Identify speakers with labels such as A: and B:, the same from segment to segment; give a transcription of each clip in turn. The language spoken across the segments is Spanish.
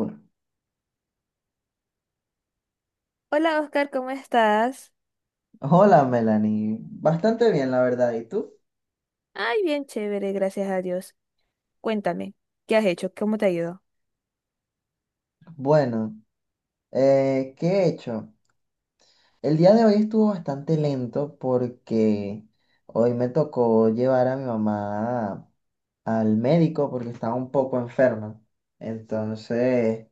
A: Uno.
B: Hola Oscar, ¿cómo estás?
A: Hola Melanie, bastante bien la verdad, ¿y tú?
B: Ay, bien chévere, gracias a Dios. Cuéntame, ¿qué has hecho? ¿Cómo te ha ido?
A: Bueno, ¿qué he hecho? El día de hoy estuvo bastante lento porque hoy me tocó llevar a mi mamá al médico porque estaba un poco enferma. Entonces,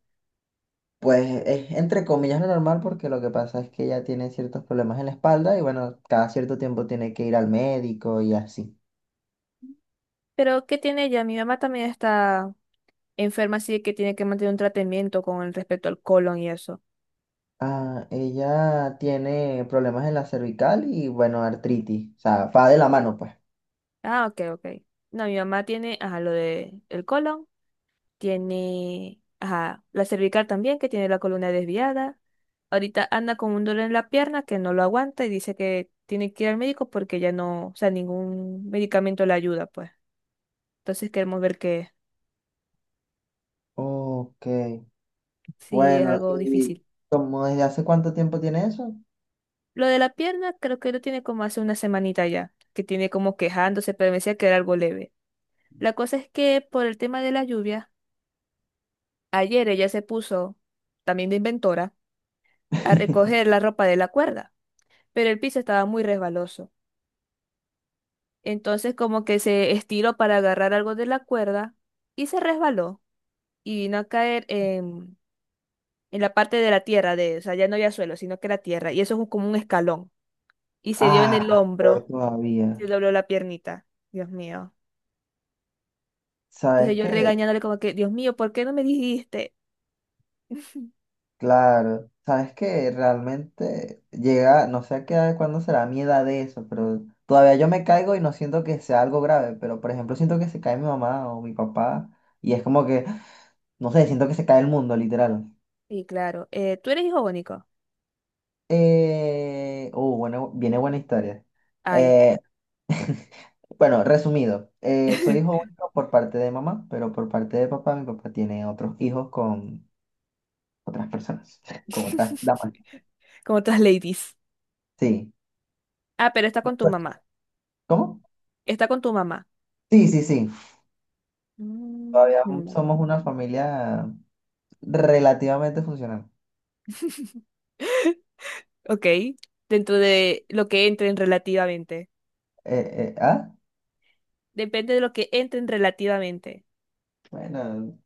A: pues es entre comillas lo normal porque lo que pasa es que ella tiene ciertos problemas en la espalda y bueno, cada cierto tiempo tiene que ir al médico y así.
B: Pero, ¿qué tiene ella? Mi mamá también está enferma, así que tiene que mantener un tratamiento con el respecto al colon y eso.
A: Ah, ella tiene problemas en la cervical y bueno, artritis. O sea, va de la mano, pues.
B: Ah, ok, ok. No, mi mamá tiene, ajá, lo de el colon, tiene, ajá, la cervical también, que tiene la columna desviada. Ahorita anda con un dolor en la pierna que no lo aguanta y dice que tiene que ir al médico porque ya no, o sea, ningún medicamento le ayuda, pues. Entonces queremos ver qué es.
A: Ok.
B: Sí, es
A: Bueno,
B: algo
A: ¿y
B: difícil.
A: como desde hace cuánto tiempo tiene eso?
B: Lo de la pierna creo que lo tiene como hace una semanita ya, que tiene como quejándose, pero me decía que era algo leve. La cosa es que por el tema de la lluvia, ayer ella se puso, también de inventora, a recoger la ropa de la cuerda, pero el piso estaba muy resbaloso. Entonces como que se estiró para agarrar algo de la cuerda y se resbaló y vino a caer en la parte de la tierra, de, o sea, ya no había suelo, sino que era tierra, y eso es como un escalón, y se dio en el
A: Ah, peor
B: hombro se
A: todavía.
B: dobló la piernita. Dios mío. Entonces
A: ¿Sabes
B: yo
A: qué?
B: regañándole como que, Dios mío, ¿por qué no me dijiste?
A: Claro. ¿Sabes qué? Realmente llega, no sé a qué edad, cuándo será mi edad de eso, pero todavía yo me caigo y no siento que sea algo grave, pero por ejemplo siento que se cae mi mamá o mi papá y es como que, no sé, siento que se cae el mundo, literal.
B: Y claro, ¿tú eres hijo único?
A: Bueno, viene buena historia.
B: Ay.
A: Eh, bueno, resumido, soy hijo único por parte de mamá, pero por parte de papá, mi papá tiene otros hijos con otras personas, con otras damas.
B: Como otras ladies.
A: Sí.
B: Ah, pero está con tu mamá.
A: ¿Cómo?
B: Está con tu mamá.
A: Sí, sí, sí.
B: Mm,
A: Todavía
B: mm.
A: somos una familia relativamente funcional.
B: Ok. Dentro de lo que entren relativamente.
A: ¿Ah?
B: Depende de lo que entren relativamente.
A: Bueno,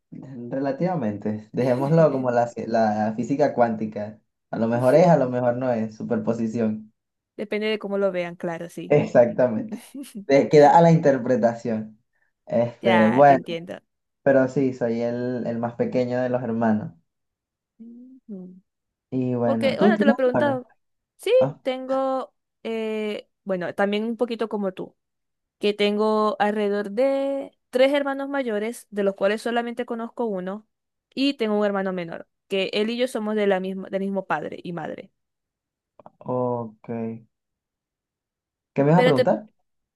A: relativamente. Dejémoslo como la física cuántica. A lo mejor es, a lo mejor no es, superposición.
B: Depende de cómo lo vean, claro, sí.
A: Exactamente. Queda a la interpretación. Este,
B: Ya, te
A: bueno,
B: entiendo.
A: pero sí, soy el más pequeño de los hermanos.
B: Ujú.
A: Y bueno,
B: Porque,
A: ¿tú
B: bueno, te lo he
A: tienes hermanos?
B: preguntado. Sí,
A: Ah,
B: tengo, bueno, también un poquito como tú, que tengo alrededor de tres hermanos mayores, de los cuales solamente conozco uno, y tengo un hermano menor, que él y yo somos de la misma, del mismo padre y madre.
A: ok. ¿Qué me vas a
B: Pero te,
A: preguntar?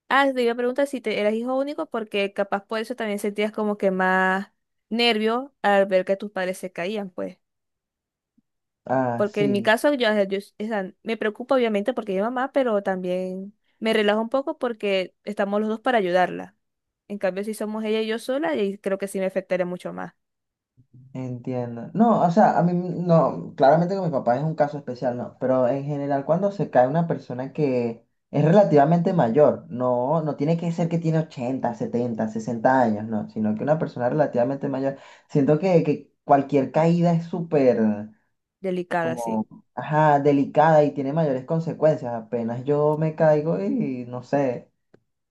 B: Te iba a preguntar si te eras hijo único, porque capaz por eso también sentías como que más nervio al ver que tus padres se caían, pues.
A: Ah,
B: Porque en mi
A: sí.
B: caso, o sea, me preocupa obviamente porque mi mamá, pero también me relajo un poco porque estamos los dos para ayudarla. En cambio, si somos ella y yo sola, ahí creo que sí me afectaría mucho más.
A: Entiendo. No, o sea, a mí no, claramente con mi papá es un caso especial, no, pero en general cuando se cae una persona que es relativamente mayor, no, no tiene que ser que tiene 80, 70, 60 años, no, sino que una persona relativamente mayor, siento que cualquier caída es súper
B: Delicada, sí.
A: como, ajá, delicada y tiene mayores consecuencias. Apenas yo me caigo y no sé,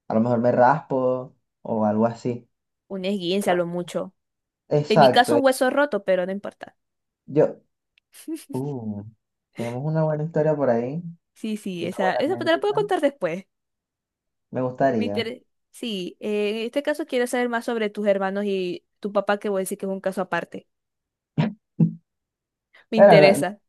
A: a lo mejor me raspo o algo así.
B: Un esguince a lo mucho. En mi caso,
A: Exacto.
B: un hueso roto, pero no importa.
A: Yo, Uh, tenemos una buena historia por ahí,
B: Sí, sí,
A: una
B: esa,
A: buena
B: esa te la puedo
A: anécdota.
B: contar después.
A: Me
B: Me
A: gustaría.
B: interesa. Sí, en este caso quiero saber más sobre tus hermanos y tu papá, que voy a decir que es un caso aparte. Me
A: Bueno,
B: interesa.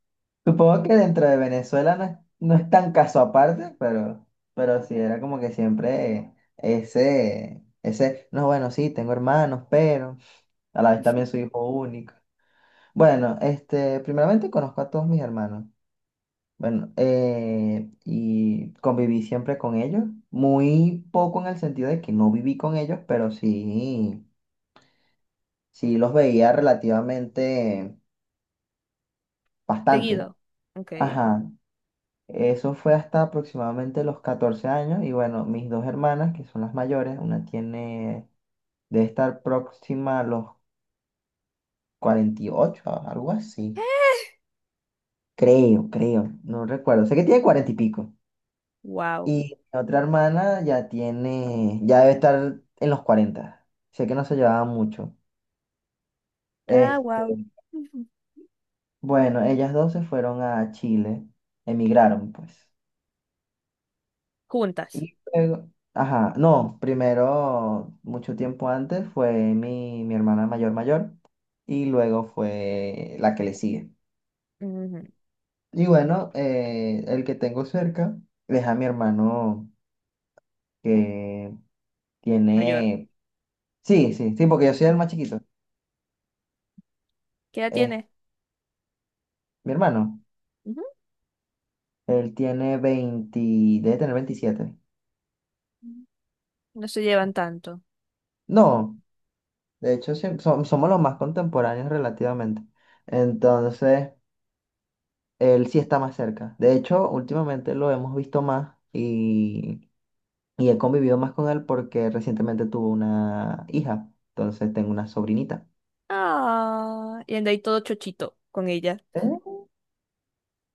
A: supongo que dentro de Venezuela no es tan caso aparte, pero sí era como que siempre ese, no, bueno, sí, tengo hermanos, pero a la vez también soy hijo único. Bueno, este, primeramente conozco a todos mis hermanos. Bueno, y conviví siempre con ellos. Muy poco en el sentido de que no viví con ellos, pero sí. Sí, los veía relativamente bastante.
B: Seguido. Ok.
A: Ajá. Eso fue hasta aproximadamente los 14 años. Y bueno, mis dos hermanas, que son las mayores, una tiene, debe estar próxima a los 48, algo así. Creo. No recuerdo. Sé que tiene 40 y pico.
B: Wow.
A: Y mi otra hermana ya tiene, ya debe estar en los 40. Sé que no se llevaban mucho.
B: Ah,
A: Este,
B: wow.
A: bueno, ellas dos se fueron a Chile. Emigraron, pues.
B: Juntas.
A: Y luego, ajá, no, primero, mucho tiempo antes, fue mi hermana mayor mayor y luego fue la que le sigue.
B: Ujú,
A: Y bueno, el que tengo cerca es a mi hermano que
B: mayor.
A: tiene, sí, sí, sí, porque yo soy el más chiquito.
B: ¿Qué edad
A: Es
B: tiene?
A: mi hermano,
B: Ujú.
A: él tiene 20, debe tener 27.
B: No se llevan tanto.
A: No, de hecho, sí, somos los más contemporáneos relativamente. Entonces, él sí está más cerca. De hecho, últimamente lo hemos visto más y he convivido más con él porque recientemente tuvo una hija. Entonces tengo una sobrinita.
B: Ah, y anda ahí todo chochito con ella.
A: ¿Eh?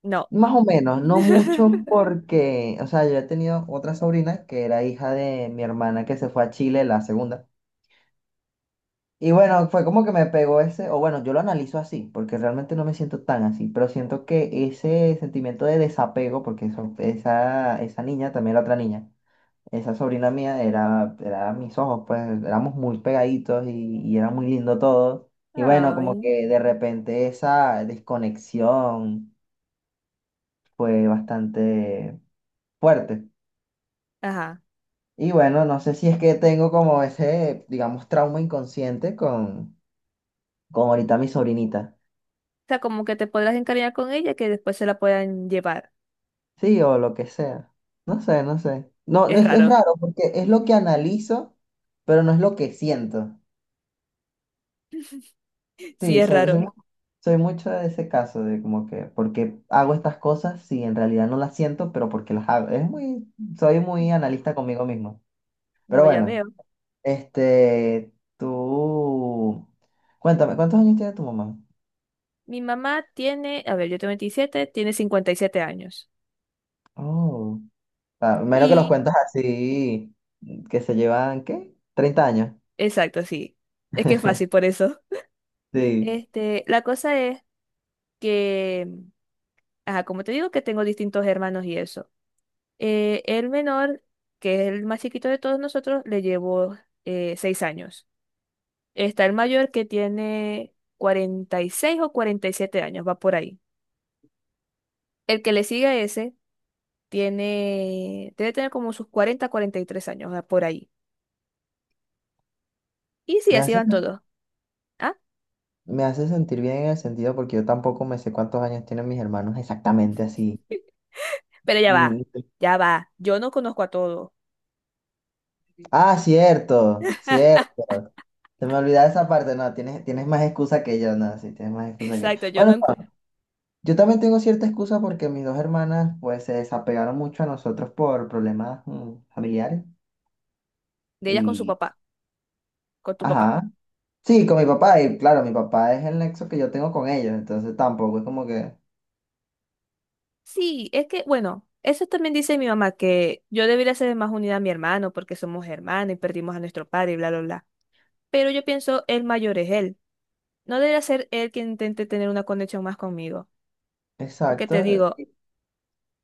B: No.
A: Más o menos, no mucho porque, o sea, yo he tenido otra sobrina que era hija de mi hermana que se fue a Chile, la segunda. Y bueno, fue como que me pegó ese, o bueno, yo lo analizo así, porque realmente no me siento tan así, pero siento que ese sentimiento de desapego, porque eso, esa niña, también la otra niña. Esa sobrina mía era mis ojos, pues éramos muy pegaditos y era muy lindo todo. Y bueno, como
B: Ay.
A: que de repente esa desconexión fue bastante fuerte.
B: Ajá.
A: Y bueno, no sé si es que tengo como ese, digamos, trauma inconsciente con ahorita mi sobrinita.
B: O sea, como que te podrás encariñar con ella que después se la puedan llevar.
A: Sí, o lo que sea. No sé, no sé. No, no,
B: Es
A: es
B: raro.
A: raro porque es lo que analizo, pero no es lo que siento.
B: Sí,
A: Sí,
B: es raro.
A: soy mucho de ese caso, de como que, porque hago estas cosas si en realidad no las siento, pero porque las hago. Soy muy analista conmigo mismo. Pero
B: No, ya
A: bueno,
B: veo.
A: este, tú, cuéntame, ¿cuántos años tiene tu mamá?
B: Mi mamá tiene, a ver, yo tengo 27 tiene 57 años.
A: Oh, ah, menos que los
B: Y,
A: cuentas así, que se llevan, ¿qué? 30 años.
B: exacto, sí. Es que es fácil por eso.
A: Sí,
B: Este, la cosa es que ajá, como te digo que tengo distintos hermanos y eso. El menor, que es el más chiquito de todos nosotros, le llevo 6 años. Está el mayor que tiene 46 o 47 años, va por ahí. El que le sigue a ese tiene, debe tener como sus 43 años, va por ahí. Y sí,
A: me
B: así
A: hace,
B: van todos. ¿Ah?
A: me hace sentir bien en el sentido porque yo tampoco me sé cuántos años tienen mis hermanos exactamente así.
B: Pero ya va,
A: Mm,
B: ya va. Yo no conozco a todos.
A: ah, cierto, cierto. Se me olvidaba esa parte. No, tienes más excusa que yo, no, sí, tienes más excusa que yo.
B: Exacto, yo
A: Bueno,
B: no.
A: no, yo también tengo cierta excusa porque mis dos hermanas, pues, se desapegaron mucho a nosotros por problemas familiares.
B: De ellas con su
A: Y,
B: papá, con tu papá.
A: ajá. Sí, con mi papá. Y claro, mi papá es el nexo que yo tengo con ellos. Entonces tampoco es como que.
B: Sí, es que, bueno, eso también dice mi mamá, que yo debería ser más unida a mi hermano porque somos hermanos y perdimos a nuestro padre y bla, bla, bla. Pero yo pienso, el mayor es él. No debería ser él quien intente tener una conexión más conmigo. Porque te
A: Exacto.
B: digo,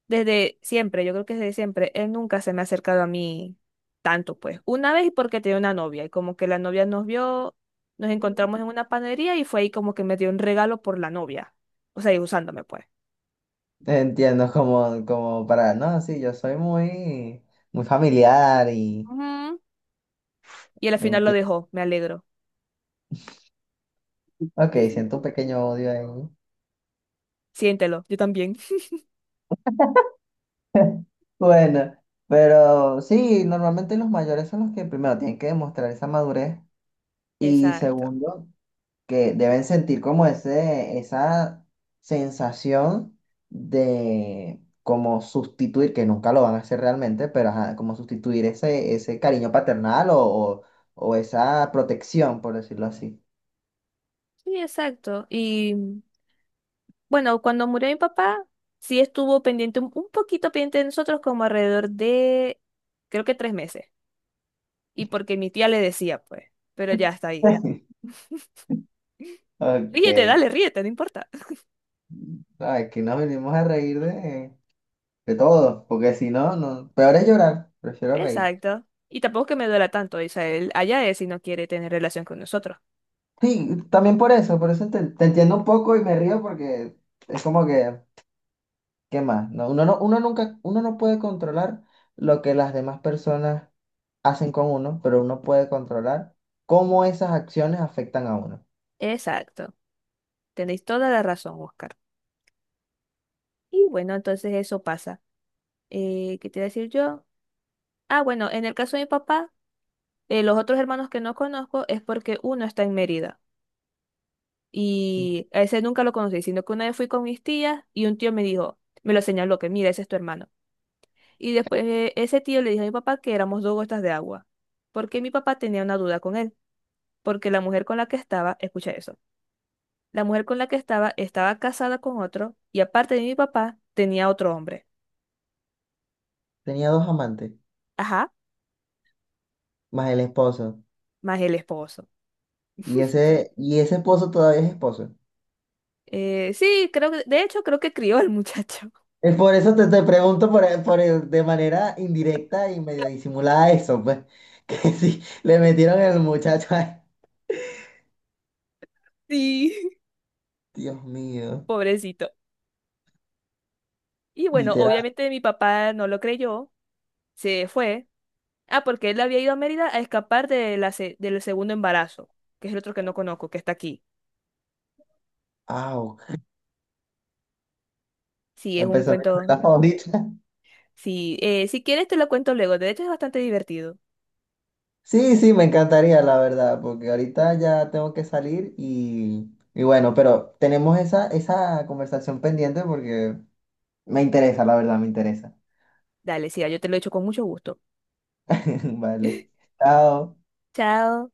B: desde siempre, yo creo que desde siempre, él nunca se me ha acercado a mí tanto, pues. Una vez porque tenía una novia y como que la novia nos vio, nos encontramos en una panadería y fue ahí como que me dio un regalo por la novia. O sea, y usándome, pues.
A: Entiendo, como para. No, sí, yo soy muy, muy familiar y.
B: Ujú. Y al final lo
A: Entiendo.
B: dejó, me alegro.
A: Ok, siento un pequeño odio ahí.
B: Siéntelo, yo también.
A: Bueno, pero sí, normalmente los mayores son los que primero tienen que demostrar esa madurez y
B: Exacto.
A: segundo, que deben sentir como esa sensación de como sustituir, que nunca lo van a hacer realmente, pero ajá, como sustituir ese cariño paternal o esa protección, por decirlo así.
B: Sí, exacto. Y bueno, cuando murió mi papá, sí estuvo pendiente, un poquito pendiente de nosotros, como alrededor de, creo que 3 meses. Y porque mi tía le decía, pues, pero ya está ahí.
A: Ok,
B: Ríete, dale,
A: ay,
B: ríete, no importa.
A: aquí nos venimos a reír de todo, porque si no, no, peor es llorar, prefiero reír.
B: Exacto. Y tampoco es que me duela tanto, o sea, él allá es si no quiere tener relación con nosotros.
A: Sí, también por eso te entiendo un poco y me río porque es como que, ¿qué más? No, uno no, uno nunca, uno no puede controlar lo que las demás personas hacen con uno, pero uno puede controlar cómo esas acciones afectan a uno.
B: Exacto. Tenéis toda la razón, Oscar. Y bueno, entonces eso pasa. ¿Qué te iba a decir yo? Ah, bueno, en el caso de mi papá. Los otros hermanos que no conozco es porque uno está en Mérida
A: Mm.
B: y a ese nunca lo conocí, sino que una vez fui con mis tías y un tío me dijo, me lo señaló, que mira, ese es tu hermano. Y después ese tío le dijo a mi papá que éramos dos gotas de agua, porque mi papá tenía una duda con él, porque la mujer con la que estaba, escucha eso, la mujer con la que estaba estaba casada con otro y aparte de mi papá tenía otro hombre,
A: Tenía dos amantes,
B: ajá,
A: más el esposo,
B: más el esposo.
A: y ese esposo todavía es esposo.
B: Sí, creo que, de hecho creo que crió al muchacho.
A: Es por eso te pregunto de manera indirecta y medio disimulada eso, pues, que sí, le metieron el muchacho, ay,
B: Sí,
A: Dios mío,
B: pobrecito. Y bueno, obviamente mi papá no lo creyó, se fue. Ah, porque él había ido a Mérida a escapar de del segundo embarazo, que es el otro que no conozco, que está aquí.
A: au,
B: Sí, es un
A: empezó mi
B: cuento.
A: novela favorita.
B: Sí, si quieres te lo cuento luego. De hecho es bastante divertido.
A: Sí, sí, me encantaría, la verdad, porque ahorita ya tengo que salir y bueno, pero tenemos esa conversación pendiente porque me interesa, la verdad, me interesa.
B: Dale, sí, yo te lo he hecho con mucho gusto.
A: Vale, chao.
B: Chao.